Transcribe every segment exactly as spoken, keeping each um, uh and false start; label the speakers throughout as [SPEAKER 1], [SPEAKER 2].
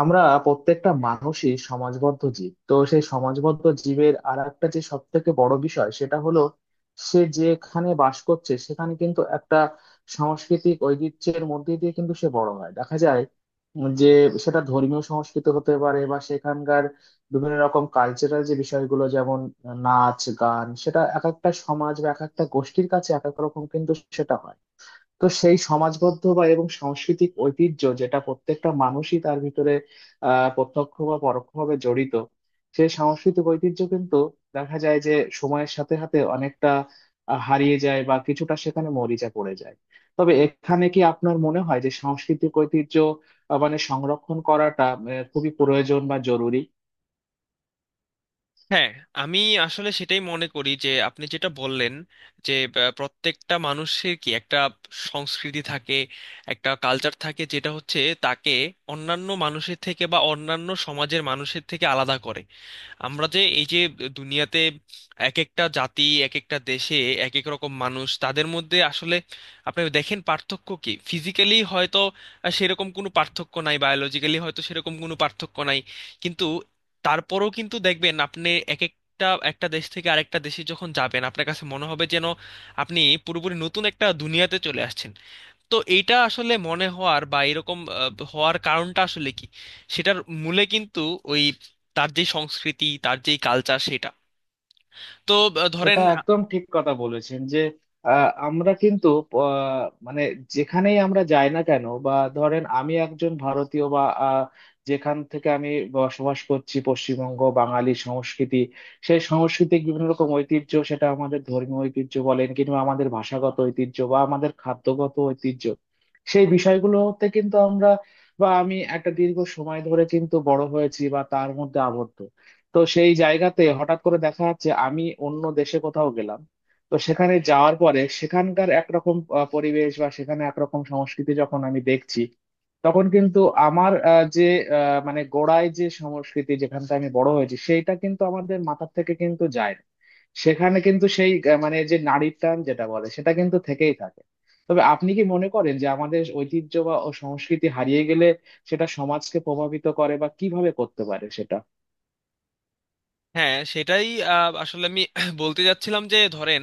[SPEAKER 1] আমরা প্রত্যেকটা মানুষই সমাজবদ্ধ জীব, তো সেই সমাজবদ্ধ জীবের আর একটা যে সব থেকে বড় বিষয় সেটা হলো সে যেখানে বাস করছে সেখানে কিন্তু একটা সাংস্কৃতিক ঐতিহ্যের মধ্যে দিয়ে কিন্তু সে বড় হয়, দেখা যায় যে সেটা ধর্মীয় সংস্কৃতি হতে পারে বা সেখানকার বিভিন্ন রকম কালচারাল যে বিষয়গুলো, যেমন নাচ গান, সেটা এক একটা সমাজ বা এক একটা গোষ্ঠীর কাছে এক এক রকম, কিন্তু সেটা হয়। তো সেই সমাজবদ্ধ বা এবং সাংস্কৃতিক ঐতিহ্য যেটা প্রত্যেকটা মানুষই তার ভিতরে আহ প্রত্যক্ষ বা পরোক্ষভাবে জড়িত, সেই সাংস্কৃতিক ঐতিহ্য কিন্তু দেখা যায় যে সময়ের সাথে সাথে অনেকটা আহ, হারিয়ে যায় বা কিছুটা সেখানে মরিচা পড়ে যায়। তবে এখানে কি আপনার মনে হয় যে সাংস্কৃতিক ঐতিহ্য আহ, মানে সংরক্ষণ করাটা আহ, খুবই প্রয়োজন বা জরুরি?
[SPEAKER 2] হ্যাঁ, আমি আসলে সেটাই মনে করি যে আপনি যেটা বললেন যে আহ, প্রত্যেকটা মানুষের কি একটা সংস্কৃতি থাকে, একটা কালচার থাকে, যেটা হচ্ছে তাকে অন্যান্য মানুষের থেকে বা অন্যান্য সমাজের মানুষের থেকে আলাদা করে। আমরা যে এই যে দুনিয়াতে এক একটা জাতি এক একটা দেশে এক এক রকম মানুষ, তাদের মধ্যে আসলে আপনি দেখেন পার্থক্য কি ফিজিক্যালি হয়তো আহ, সেরকম কোনো পার্থক্য নাই, বায়োলজিক্যালি হয়তো সেরকম কোনো পার্থক্য নাই, কিন্তু তারপরেও কিন্তু দেখবেন আপনি এক একটা একটা দেশ থেকে আরেকটা দেশে যখন যাবেন, আপনার কাছে মনে হবে যেন আপনি পুরোপুরি নতুন একটা দুনিয়াতে চলে আসছেন। তো এইটা আসলে মনে হওয়ার বা এরকম আহ, হওয়ার কারণটা আসলে কি, সেটার মূলে কিন্তু ওই তার যে সংস্কৃতি, তার যে কালচার, সেটা। তো আহ, ধরেন,
[SPEAKER 1] এটা একদম ঠিক কথা বলেছেন যে আহ, আমরা কিন্তু আহ, মানে যেখানেই আমরা যাই না কেন, বা ধরেন আমি একজন ভারতীয়, বা আহ, যেখান থেকে আমি বসবাস করছি পশ্চিমবঙ্গ, বাঙালি সংস্কৃতি, সেই সংস্কৃতির বিভিন্ন রকম ঐতিহ্য, সেটা আমাদের ধর্মীয় ঐতিহ্য বলেন কিংবা আমাদের ভাষাগত ঐতিহ্য বা আমাদের খাদ্যগত ঐতিহ্য, সেই বিষয়গুলোতে কিন্তু আমরা বা আমি একটা দীর্ঘ সময় ধরে কিন্তু বড় হয়েছি বা তার মধ্যে আবদ্ধ। তো সেই জায়গাতে হঠাৎ করে দেখা যাচ্ছে আমি অন্য দেশে কোথাও গেলাম, তো সেখানে যাওয়ার পরে সেখানকার একরকম আহ, পরিবেশ বা সেখানে একরকম সংস্কৃতি যখন আমি দেখছি, তখন কিন্তু আমার আহ, যে আহ, মানে গোড়ায় যে সংস্কৃতি যেখানটা আমি বড় হয়েছি সেইটা কিন্তু আমাদের মাথার থেকে কিন্তু যায় না। সেখানে কিন্তু সেই আহ, মানে যে নারীর টান যেটা বলে, সেটা কিন্তু থেকেই থাকে। তবে আপনি কি মনে করেন যে আমাদের ঐতিহ্য বা ও সংস্কৃতি হারিয়ে গেলে সেটা সমাজকে প্রভাবিত করে, বা কিভাবে করতে পারে সেটা?
[SPEAKER 2] হ্যাঁ সেটাই। আহ, আসলে আমি বলতে যাচ্ছিলাম যে ধরেন,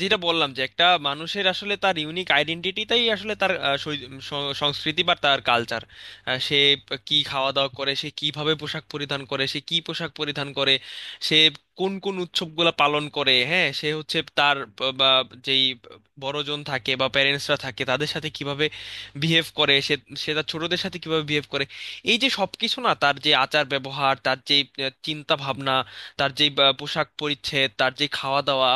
[SPEAKER 2] যেটা বললাম যে একটা মানুষের আসলে তার ইউনিক আইডেন্টিটিটাই আসলে তার আহ, সৈ- স- সংস্কৃতি বা তার কালচার। সে কি খাওয়া দাওয়া করে, সে কিভাবে পোশাক পরিধান করে, সে কি পোশাক পরিধান করে, সে কোন কোন উৎসবগুলো পালন করে, হ্যাঁ, সে হচ্ছে তার ব- বা যেই বড়জন থাকে বা প্যারেন্টসরা থাকে তাদের সাথে কিভাবে বিহেভ করে, সে সে তার ছোটদের সাথে কিভাবে বিহেভ করে। এই যে সবকিছু না, তার যে আচার ব্যবহার, তার যে চিন্তা ভাবনা, তার যে বা, পোশাক পরিচ্ছদ, তার যে খাওয়া দাওয়া,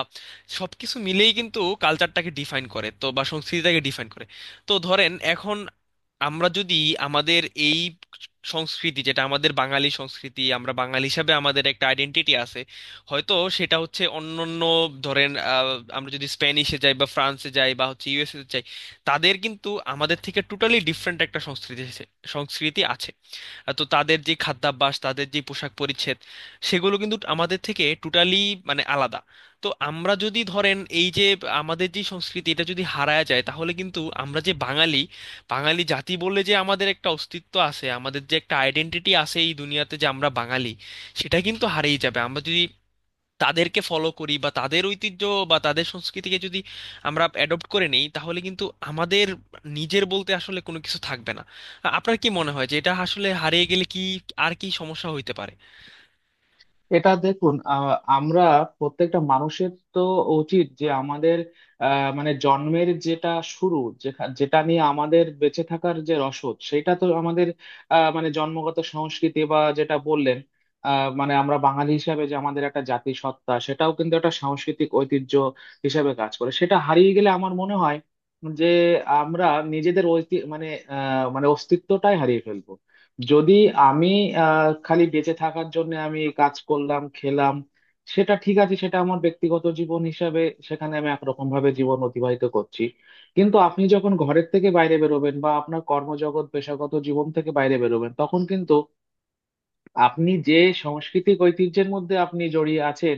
[SPEAKER 2] সবকিছু মিলেই কিন্তু কালচারটাকে ডিফাইন করে তো, বা সংস্কৃতিটাকে ডিফাইন করে। তো ধরেন এখন আমরা যদি আমাদের এই সংস্কৃতি, যেটা আমাদের বাঙালি সংস্কৃতি, আমরা বাঙালি হিসাবে আমাদের একটা আইডেন্টিটি আছে, হয়তো সেটা হচ্ছে অন্যান্য, ধরেন আহ, আমরা যদি স্প্যানিশে যাই বা ফ্রান্সে যাই বা হচ্ছে ইউএসএ তে যাই, তাদের কিন্তু আমাদের থেকে টোটালি ডিফারেন্ট একটা সংস্কৃতি আছে- সংস্কৃতি আছে। আহ, তো তাদের যে খাদ্যাভ্যাস, তাদের যে পোশাক পরিচ্ছদ, সেগুলো কিন্তু আমাদের থেকে টোটালি, মানে আলাদা। তো আমরা যদি ধরেন, এই যে আমাদের যে সংস্কৃতি এটা যদি হারায় যায়, তাহলে কিন্তু আমরা যে বাঙালি, বাঙালি জাতি বলে যে আমাদের একটা অস্তিত্ব আছে, আমাদের যে একটা আইডেন্টিটি আছে এই দুনিয়াতে যে আমরা বাঙালি, সেটা কিন্তু হারিয়ে যাবে। আমরা যদি তাদেরকে ফলো করি বা তাদের ঐতিহ্য বা তাদের সংস্কৃতিকে যদি আমরা অ্যাডপ্ট করে নেই, তাহলে কিন্তু আমাদের নিজের বলতে আসলে কোনো কিছু থাকবে না। আ- আপনার কি মনে হয় যে এটা আসলে হারিয়ে গেলে কি, আর কি সমস্যা হইতে পারে?
[SPEAKER 1] এটা দেখুন, আহ, আমরা প্রত্যেকটা মানুষের তো উচিত যে আমাদের আহ, মানে জন্মের যেটা শুরু, যেখা- যেটা নিয়ে আমাদের বেঁচে থাকার যে রসদ, সেটা তো আমাদের আহ, মানে জন্মগত সংস্কৃতি বা যেটা বললেন আহ, মানে আমরা বাঙালি হিসাবে যে আমাদের একটা জাতিসত্তা, সেটাও কিন্তু একটা সাংস্কৃতিক ঐতিহ্য হিসাবে কাজ করে। সেটা হারিয়ে গেলে আমার মনে হয় যে আমরা নিজেদের ঐতি মানে আহ, মানে অস্তিত্বটাই হারিয়ে ফেলবো। যদি আমি আহ, খালি বেঁচে থাকার জন্য আমি এই কাজ করলাম, খেলাম, সেটা ঠিক আছে, সেটা আমার ব্যক্তিগত জীবন হিসাবে সেখানে আমি একরকম ভাবে জীবন অতিবাহিত করছি। কিন্তু আপনি যখন ঘরের থেকে বাইরে বেরোবেন বা আপনার কর্মজগৎ পেশাগত জীবন থেকে বাইরে বেরোবেন, তখন কিন্তু আপনি যে সাংস্কৃতিক ঐতিহ্যের মধ্যে আপনি জড়িয়ে আছেন,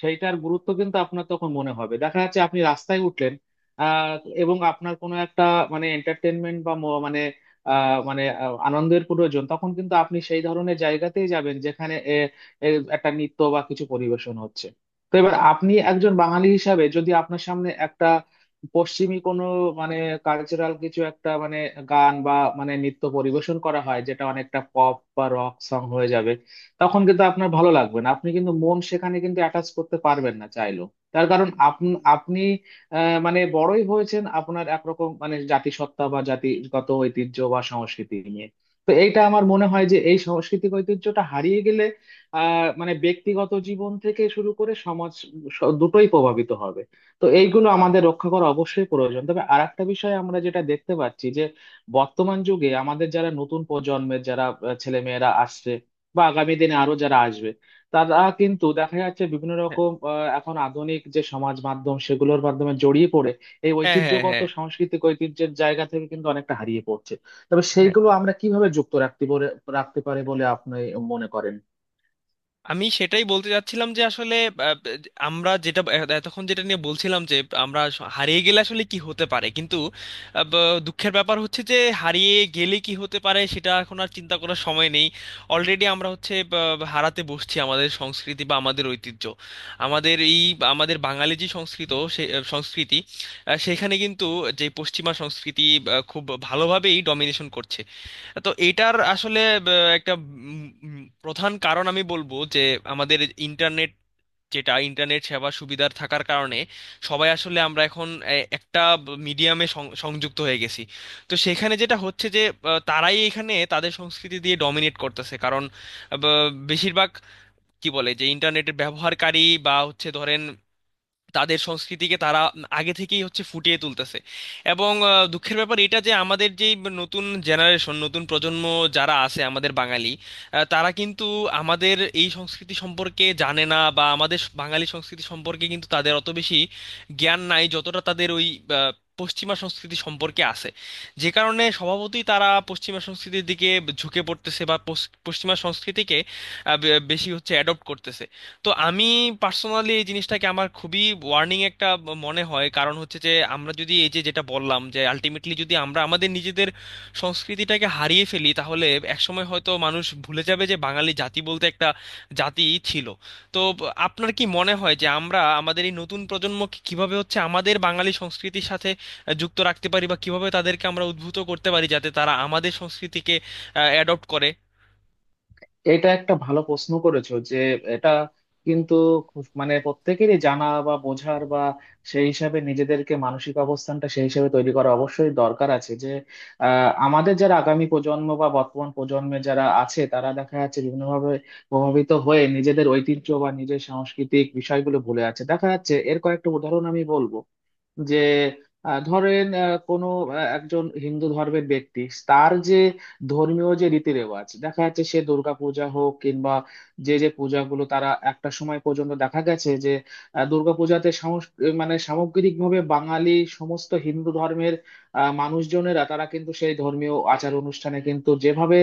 [SPEAKER 1] সেইটার গুরুত্ব কিন্তু আপনার তখন মনে হবে। দেখা যাচ্ছে আপনি রাস্তায় উঠলেন, আহ, এবং আপনার কোনো একটা মানে এন্টারটেনমেন্ট বা ম- মানে আহ, মানে আহ, আনন্দের প্রয়োজন, তখন কিন্তু আপনি সেই ধরনের জায়গাতেই যাবেন যেখানে এ, এ, একটা নৃত্য বা কিছু পরিবেশন হচ্ছে। তো এবার আপনি একজন বাঙালি হিসাবে যদি আপনার সামনে একটা পশ্চিমী কোনো মানে কালচারাল কিছু একটা, মানে গান বা মানে নৃত্য পরিবেশন করা হয় যেটা অনেকটা পপ বা রক সং হয়ে যাবে, তখন কিন্তু আপনার ভালো লাগবে না, আপনি কিন্তু মন সেখানে কিন্তু অ্যাটাচ করতে পারবেন না চাইলেও। তার কারণ আপনি আপনি আহ, মানে বড়ই হয়েছেন আপনার একরকম মানে জাতিসত্তা বা জাতিগত ঐতিহ্য বা সংস্কৃতি নিয়ে। তো এইটা আমার মনে হয় যে এই সাংস্কৃতিক ঐতিহ্যটা হারিয়ে গেলে আহ মানে ব্যক্তিগত জীবন থেকে শুরু করে সমাজ, স- দুটোই প্রভাবিত হবে। তো এইগুলো আমাদের রক্ষা করা অবশ্যই প্রয়োজন। তবে আর একটা বিষয়ে আমরা যেটা দেখতে পাচ্ছি যে বর্তমান যুগে আমাদের যারা নতুন প্রজন্মের, যারা ছেলে মেয়েরা আসছে বা আগামী দিনে আরো যারা আসবে, তারা কিন্তু দেখা যাচ্ছে বিভিন্ন রকম আহ, এখন আধুনিক যে সমাজ মাধ্যম, সেগুলোর মাধ্যমে জড়িয়ে পড়ে এই
[SPEAKER 2] হ্যাঁ, হ্যাঁ,
[SPEAKER 1] ঐতিহ্যগত
[SPEAKER 2] হ্যাঁ।
[SPEAKER 1] সাংস্কৃতিক ঐতিহ্যের জায়গা থেকে কিন্তু অনেকটা হারিয়ে পড়ছে। তবে
[SPEAKER 2] হ্যাঁ,
[SPEAKER 1] সেইগুলো আমরা কিভাবে যুক্ত রাখতে বলে রাখতে পারে বলে আপনি মনে করেন?
[SPEAKER 2] আমি সেটাই বলতে চাচ্ছিলাম যে আসলে আহ, আমরা যেটা এতক্ষণ যেটা নিয়ে বলছিলাম যে আমরা আস- হারিয়ে গেলে আসলে কি হতে পারে, কিন্তু আহ, ব- দুঃখের ব্যাপার হচ্ছে যে হারিয়ে গেলে কি হতে পারে সেটা এখন আর চিন্তা করার সময় নেই। অলরেডি আমরা হচ্ছে ব- হারাতে বসছি আমাদের সংস্কৃতি বা আমাদের ঐতিহ্য। আমাদের এই, আমাদের বাঙালি যে সংস্কৃত সে আহ, সংস্কৃতি, আহ, সেখানে কিন্তু যে পশ্চিমা সংস্কৃতি আহ, খুব ভালোভাবেই ডমিনেশন করছে। তো এটার আসলে আহ, একটা উম, উম, প্রধান কারণ আমি বলবো যে আমাদের ইন্টারনেট, যেটা ইন্টারনেট সেবা সুবিধার থাকার কারণে সবাই আসলে আমরা এখন এ- একটা মিডিয়ামে সংযুক্ত হয়ে গেছি। তো সেখানে যেটা হচ্ছে যে আহ, তারাই এখানে তাদের সংস্কৃতি দিয়ে ডমিনেট করতেছে, কারণ আহ, ব- বেশিরভাগ কি বলে যে ইন্টারনেটের ব্যবহারকারী বা হচ্ছে ধরেন তাদের সংস্কৃতিকে তারা আগে থেকেই হচ্ছে ফুটিয়ে তুলতেছে। এবং আহ, দুঃখের ব্যাপার এটা যে আমাদের যে নতুন জেনারেশন, নতুন প্রজন্ম যারা আছে আমাদের বাঙালি, আহ, তারা কিন্তু আমাদের এই সংস্কৃতি সম্পর্কে জানে না বা আমাদের বাঙালি সংস্কৃতি সম্পর্কে কিন্তু তাদের অত বেশি জ্ঞান নাই, যতটা তাদের ওই আহ, পশ্চিমা সংস্কৃতি সম্পর্কে আছে। যে কারণে স্বভাবতই তারা পশ্চিমা সংস্কৃতির দিকে ঝুঁকে পড়তেছে বা পশ্চ- পশ্চিমা সংস্কৃতিকে আহ, বে- বেশি হচ্ছে অ্যাডপ্ট করতেছে। তো আমি পার্সোনালি এই জিনিসটাকে আমার খুবই ওয়ার্নিং একটা ব- মনে হয়, কারণ হচ্ছে যে আমরা যদি এই যে যেটা বললাম যে আলটিমেটলি যদি আমরা আমাদের নিজেদের সংস্কৃতিটাকে হারিয়ে ফেলি, তাহলে একসময় হয়তো মানুষ ভুলে যাবে যে বাঙালি জাতি বলতে একটা জাতি ছিল। তো ব- আপনার কি মনে হয় যে আমরা আমাদের এই নতুন প্রজন্মকে কিভাবে হচ্ছে আমাদের বাঙালি সংস্কৃতির সাথে আহ, যুক্ত রাখতে পারি বা কিভাবে তাদেরকে আমরা উদ্বুদ্ধ করতে পারি যাতে তারা আমাদের সংস্কৃতিকে অ্যাডপ্ট করে?
[SPEAKER 1] এটা একটা ভালো প্রশ্ন করেছো যে এটা কিন্তু খুব মানে প্রত্যেকেরই জানা বা বোঝার বা সেই হিসাবে নিজেদেরকে মানসিক অবস্থানটা সেই হিসাবে তৈরি করা অবশ্যই দরকার আছে যে আহ, আমাদের যারা আগামী প্রজন্ম বা বর্তমান প্রজন্মে যারা আছে তারা দেখা যাচ্ছে বিভিন্নভাবে প্রভাবিত হয়ে নিজেদের ঐতিহ্য বা নিজের সাংস্কৃতিক বিষয়গুলো ভুলে আছে। দেখা যাচ্ছে এর কয়েকটা উদাহরণ আমি বলবো যে আহ, ধরেন আহ, কোনো আহ, একজন হিন্দু ধর্মের ব্যক্তি, তার যে ধর্মীয় যে রীতি রেওয়াজ দেখা যাচ্ছে, সে দুর্গা পূজা হোক কিংবা যে যে পূজাগুলো, তারা একটা সময় পর্যন্ত দেখা গেছে যে আহ, দুর্গাপূজাতে সামস- মানে সামগ্রিকভাবে বাঙালি সমস্ত হিন্দু ধর্মের আহ, মানুষজনেরা, তারা কিন্তু সেই ধর্মীয় আচার অনুষ্ঠানে কিন্তু যেভাবে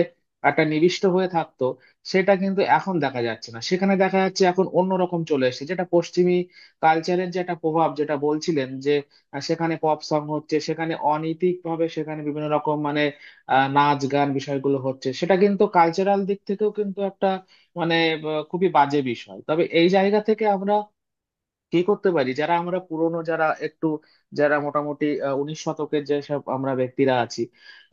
[SPEAKER 1] একটা নিবিষ্ট হয়ে থাকতো, সেটা কিন্তু এখন দেখা যাচ্ছে না। সেখানে দেখা যাচ্ছে এখন অন্যরকম চলে এসেছে, যেটা পশ্চিমী কালচারের যে একটা প্রভাব যেটা বলছিলেন, আর সেখানে পপ সং হচ্ছে, সেখানে অনৈতিক ভাবে সেখানে বিভিন্ন রকম মানে আহ, নাচ গান বিষয়গুলো হচ্ছে, সেটা কিন্তু কালচারাল দিক থেকেও কিন্তু একটা মানে আহ, খুবই বাজে বিষয়। তবে এই জায়গা থেকে আমরা কি করতে পারি, যারা আমরা পুরনো, যারা একটু যারা মোটামুটি আহ, উনিশ শতকের যেসব আমরা ব্যক্তিরা আছি,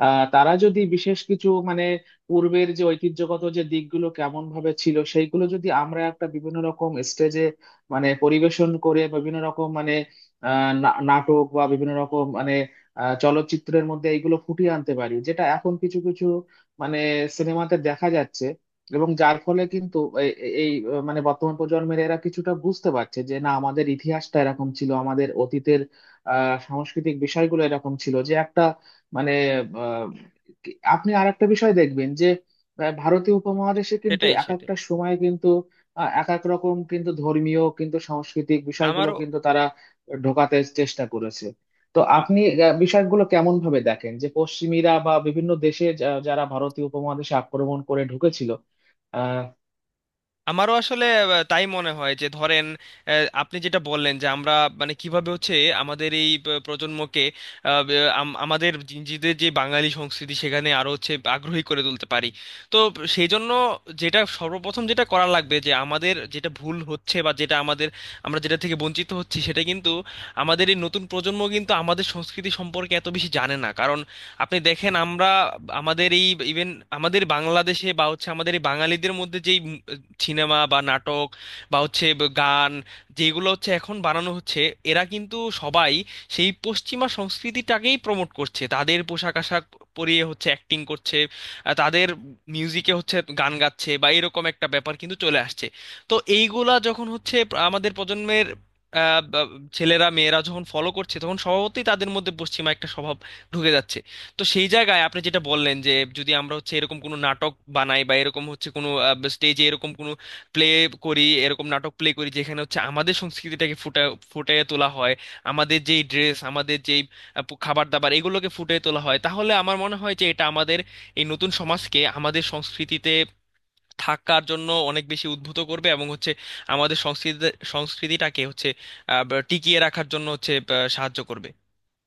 [SPEAKER 1] আহ, তারা যদি বিশেষ কিছু মানে পূর্বের যে ঐতিহ্যগত যে দিকগুলো কেমন ভাবে ছিল সেইগুলো যদি আমরা একটা বিভিন্ন রকম স্টেজে মানে পরিবেশন করে, বিভিন্ন রকম মানে আহ, না- নাটক বা বিভিন্ন রকম মানে আহ, চলচ্চিত্রের মধ্যে এইগুলো ফুটিয়ে আনতে পারি, যেটা এখন কিছু কিছু মানে সিনেমাতে দেখা যাচ্ছে। এবং যার ফলে কিন্তু এ- এ- এই আহ, মানে বর্তমান প্রজন্মের এরা কিছুটা বুঝতে পারছে যে না, আমাদের ইতিহাসটা এরকম ছিল, আমাদের অতীতের আহ সাংস্কৃতিক বিষয়গুলো এরকম ছিল, যে একটা মানে আহ, কি- আপনি আর একটা বিষয় দেখবেন যে আহ, ভারতীয় উপমহাদেশে কিন্তু
[SPEAKER 2] সেটাই,
[SPEAKER 1] এক
[SPEAKER 2] সেটাই।
[SPEAKER 1] একটা সময়ে কিন্তু আহ, এক এক রকম কিন্তু ধর্মীয় কিন্তু সাংস্কৃতিক বিষয়গুলো
[SPEAKER 2] আমারও,
[SPEAKER 1] কিন্তু তারা ঢোকাতে চেষ্টা করেছে। তো আপনি আহ, বিষয়গুলো কেমন ভাবে দেখেন যে পশ্চিমীরা বা বিভিন্ন দেশে যা- যারা ভারতীয় উপমহাদেশে আক্রমণ করে ঢুকেছিল আহ
[SPEAKER 2] আমারও আসলে আহ, তাই মনে হয় যে ধরেন, আহ, আপনি যেটা বললেন যে আমরা, মানে কিভাবে হচ্ছে আমাদের এই প- প্রজন্মকে আহ, ব- আম- আমাদের নিজেদের যে বাঙালি সংস্কৃতি, সেখানে আরো হচ্ছে আগ্রহী করে তুলতে পারি। তো সেই জন্য যেটা সর্বপ্রথম যেটা করা লাগবে যে আমাদের যেটা ভুল হচ্ছে বা যেটা আমাদের, আমরা যেটা থেকে বঞ্চিত হচ্ছি সেটা কিন্তু, আমাদের এই নতুন প্রজন্ম কিন্তু আমাদের সংস্কৃতি সম্পর্কে এত বেশি জানে না, কারণ আপনি দেখেন আমরা আমাদের এই ইভেন, আমাদের বাংলাদেশে বা হচ্ছে আমাদের এই বাঙালিদের মধ্যে যেই সিনেমা বা নাটক বা হচ্ছে ব- গান, যেগুলো হচ্ছে এখন বানানো হচ্ছে, এরা কিন্তু সবাই সেই পশ্চিমা সংস্কৃতিটাকেই প্রমোট করছে। তাদের পোশাক আশাক পরিয়ে হচ্ছে অ্যাক্টিং করছে, আহ, তাদের মিউজিকে হচ্ছে গান গাচ্ছে বা এরকম একটা ব্যাপার কিন্তু চলে আসছে। তো এইগুলা যখন হচ্ছে, আমাদের প্রজন্মের আহ, বা- ছেলেরা মেয়েরা যখন ফলো করছে, তখন স্বভাবতই তাদের মধ্যে পশ্চিমা একটা স্বভাব ঢুকে যাচ্ছে। তো সেই জায়গায় আপনি যেটা বললেন যে যদি আমরা হচ্ছে এরকম কোনো নাটক বানাই বা এরকম হচ্ছে কোনো স্টেজে এরকম কোনো প্লে করি, এরকম নাটক প্লে করি যেখানে হচ্ছে আমাদের সংস্কৃতিটাকে ফুটা ফুটিয়ে তোলা হয়, আমাদের যেই ড্রেস, আমাদের যেই আহ, পো- খাবার দাবার এগুলোকে ফুটিয়ে তোলা হয়, তাহলে আমার মনে হয় যে এটা আমাদের এই নতুন সমাজকে আমাদের সংস্কৃতিতে থাকার জন্য অনেক বেশি উদ্ভূত করবে এবং হচ্ছে আমাদের সংস্কৃতি সংস্কৃতিটাকে হচ্ছে আহ, টিকিয়ে রাখার জন্য হচ্ছে আহ, সাহায্য করবে।